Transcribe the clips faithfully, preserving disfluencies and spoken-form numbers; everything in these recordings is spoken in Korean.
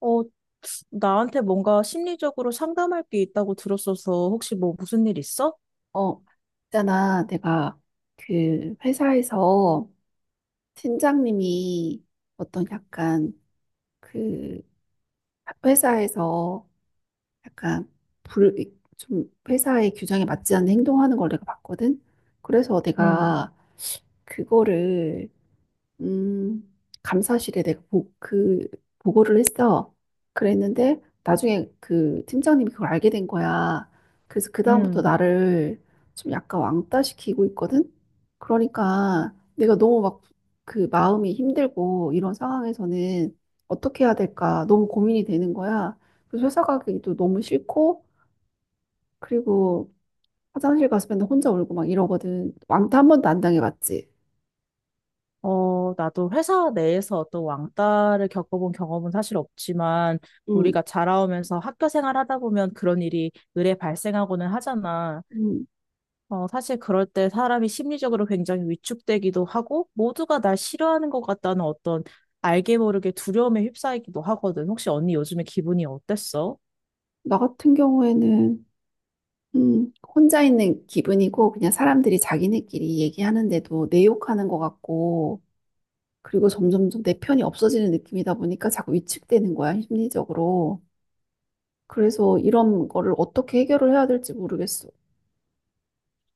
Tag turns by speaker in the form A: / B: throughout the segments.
A: 어, 나한테 뭔가 심리적으로 상담할 게 있다고 들었어서 혹시 뭐 무슨 일 있어?
B: 어, 있잖아. 내가 그 회사에서 팀장님이 어떤 약간 그 회사에서 약간 불, 좀 회사의 규정에 맞지 않는 행동하는 걸 내가 봤거든. 그래서
A: 응,
B: 내가 그거를 음, 감사실에 내가 보, 그 보고를 했어. 그랬는데 나중에 그 팀장님이 그걸 알게 된 거야. 그래서 그다음부터
A: 응.
B: 나를 좀 약간 왕따시키고 있거든. 그러니까 내가 너무 막 그 마음이 힘들고 이런 상황에서는 어떻게 해야 될까 너무 고민이 되는 거야. 그래서 회사 가기도 너무 싫고 그리고 화장실 가서 맨날 혼자 울고 막 이러거든. 왕따 한 번도 안 당해봤지.
A: 어, 나도 회사 내에서 어떤 왕따를 겪어본 경험은 사실 없지만,
B: 응,
A: 우리가 자라오면서 학교 생활하다 보면 그런 일이 의례 발생하고는 하잖아.
B: 응.
A: 어, 사실 그럴 때 사람이 심리적으로 굉장히 위축되기도 하고, 모두가 날 싫어하는 것 같다는 어떤 알게 모르게 두려움에 휩싸이기도 하거든. 혹시 언니 요즘에 기분이 어땠어?
B: 나 같은 경우에는 음, 혼자 있는 기분이고 그냥 사람들이 자기네끼리 얘기하는데도 내 욕하는 것 같고 그리고 점점점 내 편이 없어지는 느낌이다 보니까 자꾸 위축되는 거야, 심리적으로. 그래서 이런 거를 어떻게 해결을 해야 될지 모르겠어.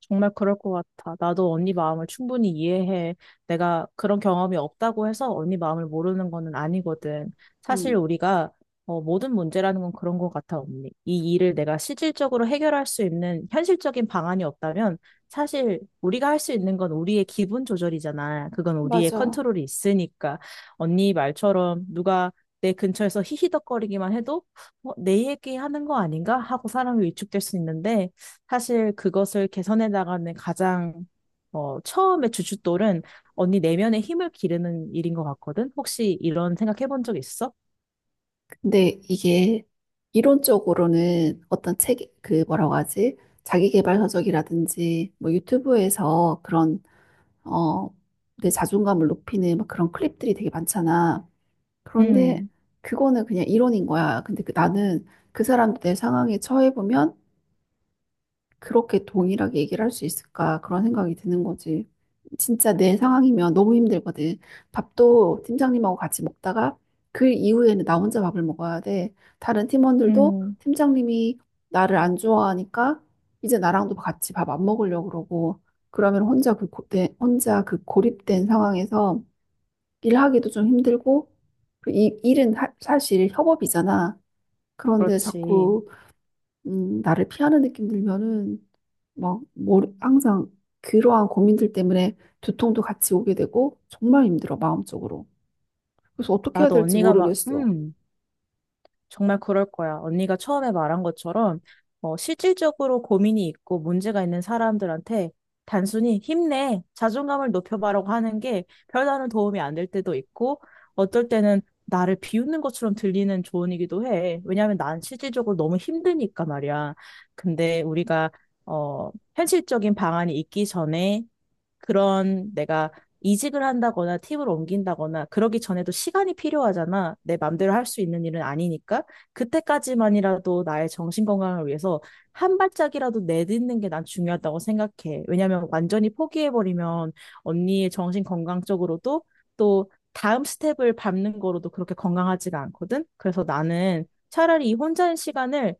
A: 정말 그럴 것 같아. 나도 언니 마음을 충분히 이해해. 내가 그런 경험이 없다고 해서 언니 마음을 모르는 거는 아니거든. 사실
B: 음,
A: 우리가 어, 모든 문제라는 건 그런 것 같아, 언니. 이 일을 내가 실질적으로 해결할 수 있는 현실적인 방안이 없다면 사실 우리가 할 수 있는 건 우리의 기분 조절이잖아. 그건 우리의
B: 맞아.
A: 컨트롤이 있으니까. 언니 말처럼 누가 내 근처에서 히히덕거리기만 해도 어, 내 얘기하는 거 아닌가 하고 사람이 위축될 수 있는데 사실 그것을 개선해 나가는 가장 어, 처음의 주춧돌은 언니 내면의 힘을 기르는 일인 것 같거든. 혹시 이런 생각해 본 적 있어?
B: 근데 이게 이론적으로는 어떤 책, 그 뭐라고 하지? 자기계발 서적이라든지 뭐 유튜브에서 그런 어, 내 자존감을 높이는 막 그런 클립들이 되게 많잖아. 그런데
A: 음,
B: 그거는 그냥 이론인 거야. 근데 그, 나는 그 사람 내 상황에 처해보면 그렇게 동일하게 얘기를 할 수 있을까? 그런 생각이 드는 거지. 진짜 내 상황이면 너무 힘들거든. 밥도 팀장님하고 같이 먹다가 그 이후에는 나 혼자 밥을 먹어야 돼. 다른 팀원들도
A: 음,
B: 팀장님이 나를 안 좋아하니까 이제 나랑도 같이 밥 안 먹으려고 그러고 그러면 혼자 그 고, 내, 혼자 그 고립된 상황에서 일하기도 좀 힘들고, 그 이, 일은 하- 사실 협업이잖아. 그런데
A: 그렇지.
B: 자꾸, 음, 나를 피하는 느낌 들면은, 막, 머리, 항상 그러한 고민들 때문에 두통도 같이 오게 되고, 정말 힘들어, 마음적으로. 그래서 어떻게 해야
A: 나도
B: 될지
A: 언니가 막,
B: 모르겠어.
A: 음, 정말 그럴 거야. 언니가 처음에 말한 것처럼 어, 실질적으로 고민이 있고 문제가 있는 사람들한테 단순히 힘내, 자존감을 높여봐라고 하는 게 별다른 도움이 안 될 때도 있고 어떨 때는 나를 비웃는 것처럼 들리는 조언이기도 해. 왜냐하면 난 실질적으로 너무 힘드니까 말이야. 근데 우리가 어, 현실적인 방안이 있기 전에 그런 내가 이직을 한다거나 팀을 옮긴다거나 그러기 전에도 시간이 필요하잖아. 내 맘대로 할 수 있는 일은 아니니까. 그때까지만이라도 나의 정신 건강을 위해서 한 발짝이라도 내딛는 게 난 중요하다고 생각해. 왜냐면 완전히 포기해버리면 언니의 정신 건강적으로도 또 다음 스텝을 밟는 거로도 그렇게 건강하지가 않거든. 그래서 나는 차라리 이 혼자인 시간을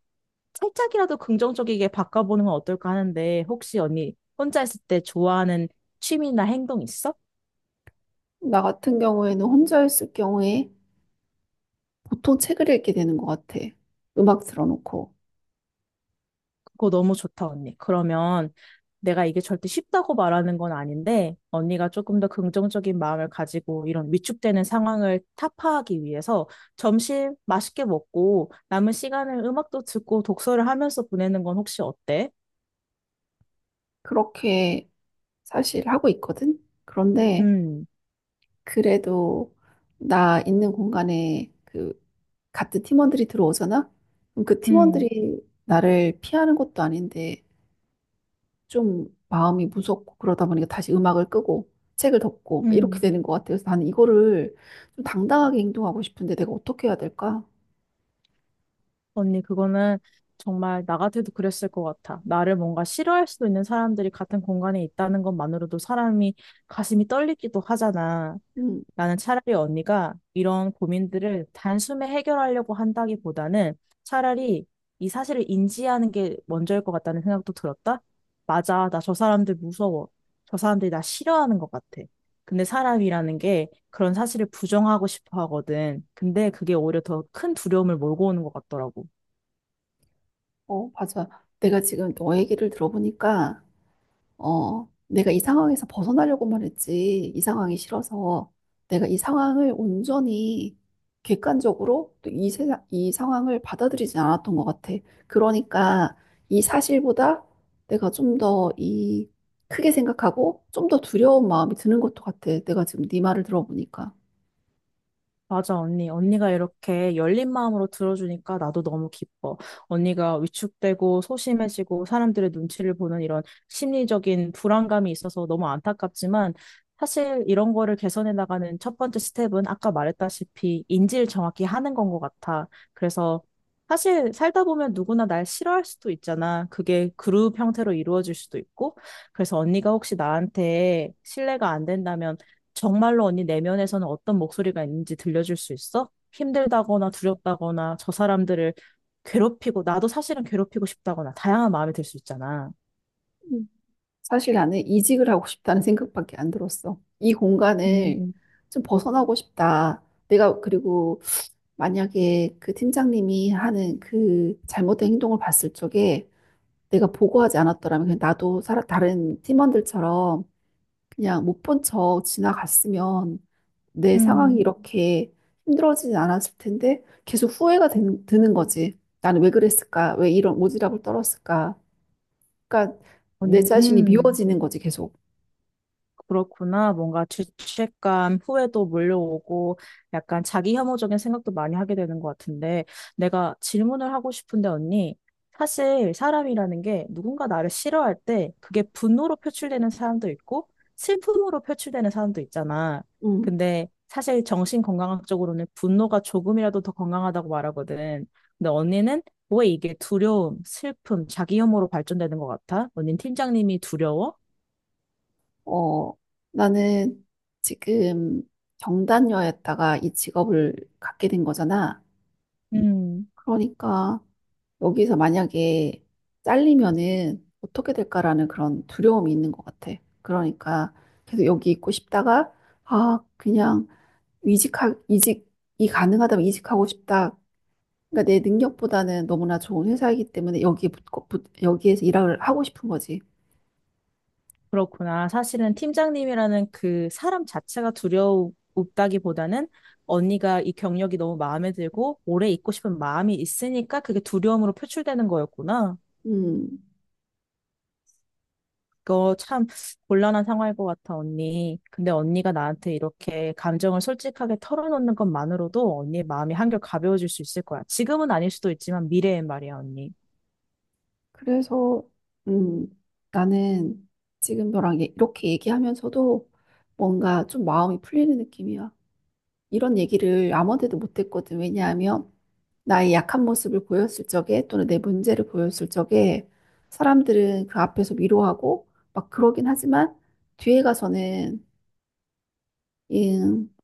A: 살짝이라도 긍정적이게 바꿔보는 건 어떨까 하는데, 혹시 언니 혼자 있을 때 좋아하는 취미나 행동 있어?
B: 나 같은 경우에는 혼자 있을 경우에 보통 책을 읽게 되는 것 같아. 음악 틀어놓고.
A: 그거 너무 좋다, 언니. 그러면 내가 이게 절대 쉽다고 말하는 건 아닌데, 언니가 조금 더 긍정적인 마음을 가지고 이런 위축되는 상황을 타파하기 위해서 점심 맛있게 먹고 남은 시간을 음악도 듣고 독서를 하면서 보내는 건 혹시 어때?
B: 그렇게 사실 하고 있거든? 그런데,
A: 음,
B: 그래도 나 있는 공간에 그 같은 팀원들이 들어오잖아? 그럼 그
A: 음,
B: 팀원들이 나를 피하는 것도 아닌데 좀 마음이 무섭고 그러다 보니까 다시 음악을 끄고 책을 덮고 이렇게
A: 음.
B: 되는 것 같아요. 그래서 나는 이거를 좀 당당하게 행동하고 싶은데 내가 어떻게 해야 될까?
A: 언니, 그거는 정말 나 같아도 그랬을 것 같아. 나를 뭔가 싫어할 수도 있는 사람들이 같은 공간에 있다는 것만으로도 사람이 가슴이 떨리기도 하잖아.
B: 음,
A: 나는 차라리 언니가 이런 고민들을 단숨에 해결하려고 한다기보다는 차라리 이 사실을 인지하는 게 먼저일 것 같다는 생각도 들었다. 맞아, 나 저 사람들 무서워. 저 사람들이 나 싫어하는 것 같아. 근데 사람이라는 게 그런 사실을 부정하고 싶어 하거든. 근데 그게 오히려 더 큰 두려움을 몰고 오는 것 같더라고.
B: 어, 맞아. 내가 지금 너 얘기를 들어보니까 어, 내가 이 상황에서 벗어나려고 말했지. 이 상황이 싫어서 내가 이 상황을 온전히 객관적으로 또 이 세상, 이 상황을 받아들이지 않았던 것 같아. 그러니까 이 사실보다 내가 좀 더 이 크게 생각하고 좀 더 두려운 마음이 드는 것도 같아. 내가 지금 네 말을 들어보니까.
A: 맞아, 언니. 언니가 이렇게 열린 마음으로 들어주니까 나도 너무 기뻐. 언니가 위축되고 소심해지고 사람들의 눈치를 보는 이런 심리적인 불안감이 있어서 너무 안타깝지만 사실 이런 거를 개선해 나가는 첫 번째 스텝은 아까 말했다시피 인지를 정확히 하는 건 것 같아. 그래서 사실 살다 보면 누구나 날 싫어할 수도 있잖아. 그게 그룹 형태로 이루어질 수도 있고. 그래서 언니가 혹시 나한테 신뢰가 안 된다면 정말로 언니 내면에서는 어떤 목소리가 있는지 들려줄 수 있어? 힘들다거나 두렵다거나 저 사람들을 괴롭히고 나도 사실은 괴롭히고 싶다거나 다양한 마음이 들 수 있잖아.
B: 음. 사실 나는 이직을 하고 싶다는 생각밖에 안 들었어. 이 공간을
A: 음,
B: 좀 벗어나고 싶다. 내가 그리고 만약에 그 팀장님이 하는 그 잘못된 행동을 봤을 적에 내가 보고하지 않았더라면 그냥 나도 살아, 다른 팀원들처럼 그냥 못 본 척 지나갔으면 내 상황이 음.
A: 음,
B: 이렇게 힘들어지진 않았을 텐데 계속 후회가 된- 드는 거지. 나는 왜 그랬을까? 왜 이런 오지랖을 떨었을까? 그러니까 내
A: 언니,
B: 자신이
A: 음.
B: 미워지는 거지, 계속.
A: 그렇구나. 뭔가 죄책감, 후회도 몰려오고 약간 자기 혐오적인 생각도 많이 하게 되는 것 같은데 내가 질문을 하고 싶은데 언니, 사실 사람이라는 게 누군가 나를 싫어할 때 그게 분노로 표출되는 사람도 있고 슬픔으로 표출되는 사람도 있잖아.
B: 음.
A: 근데 사실 정신건강학적으로는 분노가 조금이라도 더 건강하다고 말하거든. 근데 언니는 왜 이게 두려움, 슬픔, 자기 혐오로 발전되는 것 같아? 언니는 팀장님이 두려워?
B: 어, 나는 지금 경단녀였다가 이 직업을 갖게 된 거잖아.
A: 음.
B: 그러니까 여기서 만약에 잘리면은 어떻게 될까라는 그런 두려움이 있는 것 같아. 그러니까 계속 여기 있고 싶다가 아 그냥 이직하 이직이 가능하다면 이직하고 싶다. 그러니까 내 능력보다는 너무나 좋은 회사이기 때문에 여기 붙고 붙- 여기에서 일을 하고 싶은 거지.
A: 그렇구나. 사실은 팀장님이라는 그 사람 자체가 두려웠다기보다는 언니가 이 경력이 너무 마음에 들고 오래 있고 싶은 마음이 있으니까 그게 두려움으로 표출되는 거였구나.
B: 음,
A: 그거 참 곤란한 상황일 것 같아, 언니. 근데 언니가 나한테 이렇게 감정을 솔직하게 털어놓는 것만으로도 언니의 마음이 한결 가벼워질 수 있을 거야. 지금은 아닐 수도 있지만 미래엔 말이야, 언니.
B: 그래서 음, 나는 지금 너랑 얘- 이렇게 얘기하면서도 뭔가 좀 마음이 풀리는 느낌이야. 이런 얘기를 아무한테도 못했거든. 왜냐하면 나의 약한 모습을 보였을 적에 또는 내 문제를 보였을 적에 사람들은 그 앞에서 위로하고 막 그러긴 하지만 뒤에 가서는 음,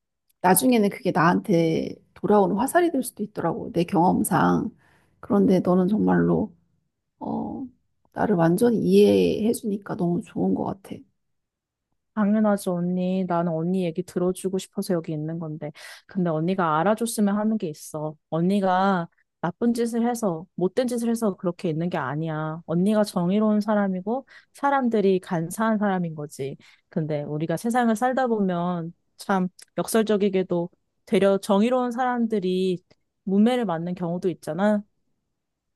B: 나중에는 그게 나한테 돌아오는 화살이 될 수도 있더라고. 내 경험상. 그런데 너는 정말로 어, 나를 완전히 이해해 주니까 너무 좋은 것 같아.
A: 당연하지, 언니. 나는 언니 얘기 들어주고 싶어서 여기 있는 건데. 근데 언니가 알아줬으면 하는 게 있어. 언니가 나쁜 짓을 해서, 못된 짓을 해서 그렇게 있는 게 아니야. 언니가 정의로운 사람이고, 사람들이 간사한 사람인 거지. 근데 우리가 세상을 살다 보면 참 역설적이게도 되려 정의로운 사람들이 문매를 맞는 경우도 있잖아.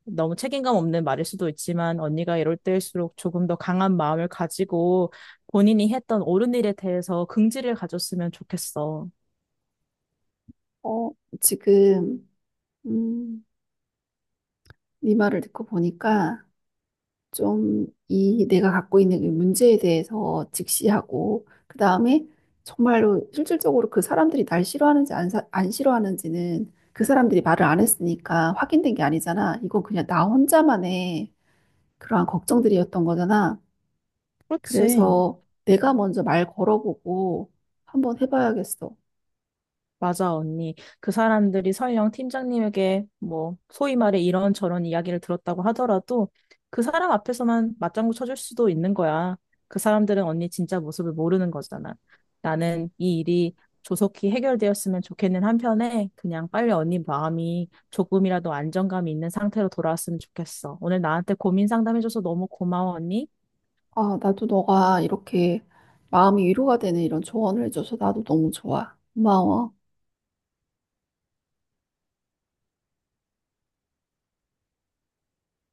A: 너무 책임감 없는 말일 수도 있지만 언니가 이럴 때일수록 조금 더 강한 마음을 가지고 본인이 했던 옳은 일에 대해서 긍지를 가졌으면 좋겠어.
B: 어, 지금 음, 네 말을 듣고 보니까 좀 이 내가 갖고 있는 이 문제에 대해서 직시하고 그다음에 정말로 실질적으로 그 사람들이 날 싫어하는지 안, 사- 안 싫어하는지는 그 사람들이 말을 안 했으니까 확인된 게 아니잖아. 이건 그냥 나 혼자만의 그러한 걱정들이었던 거잖아.
A: 그렇지.
B: 그래서 내가 먼저 말 걸어보고 한번 해봐야겠어.
A: 맞아, 언니. 그 사람들이 설령 팀장님에게 뭐, 소위 말해 이런저런 이야기를 들었다고 하더라도 그 사람 앞에서만 맞장구 쳐줄 수도 있는 거야. 그 사람들은 언니 진짜 모습을 모르는 거잖아. 나는 이 일이 조속히 해결되었으면 좋겠는 한편에 그냥 빨리 언니 마음이 조금이라도 안정감이 있는 상태로 돌아왔으면 좋겠어. 오늘 나한테 고민 상담해줘서 너무 고마워, 언니.
B: 아, 나도 너가 이렇게 마음이 위로가 되는 이런 조언을 해줘서 나도 너무 좋아. 고마워.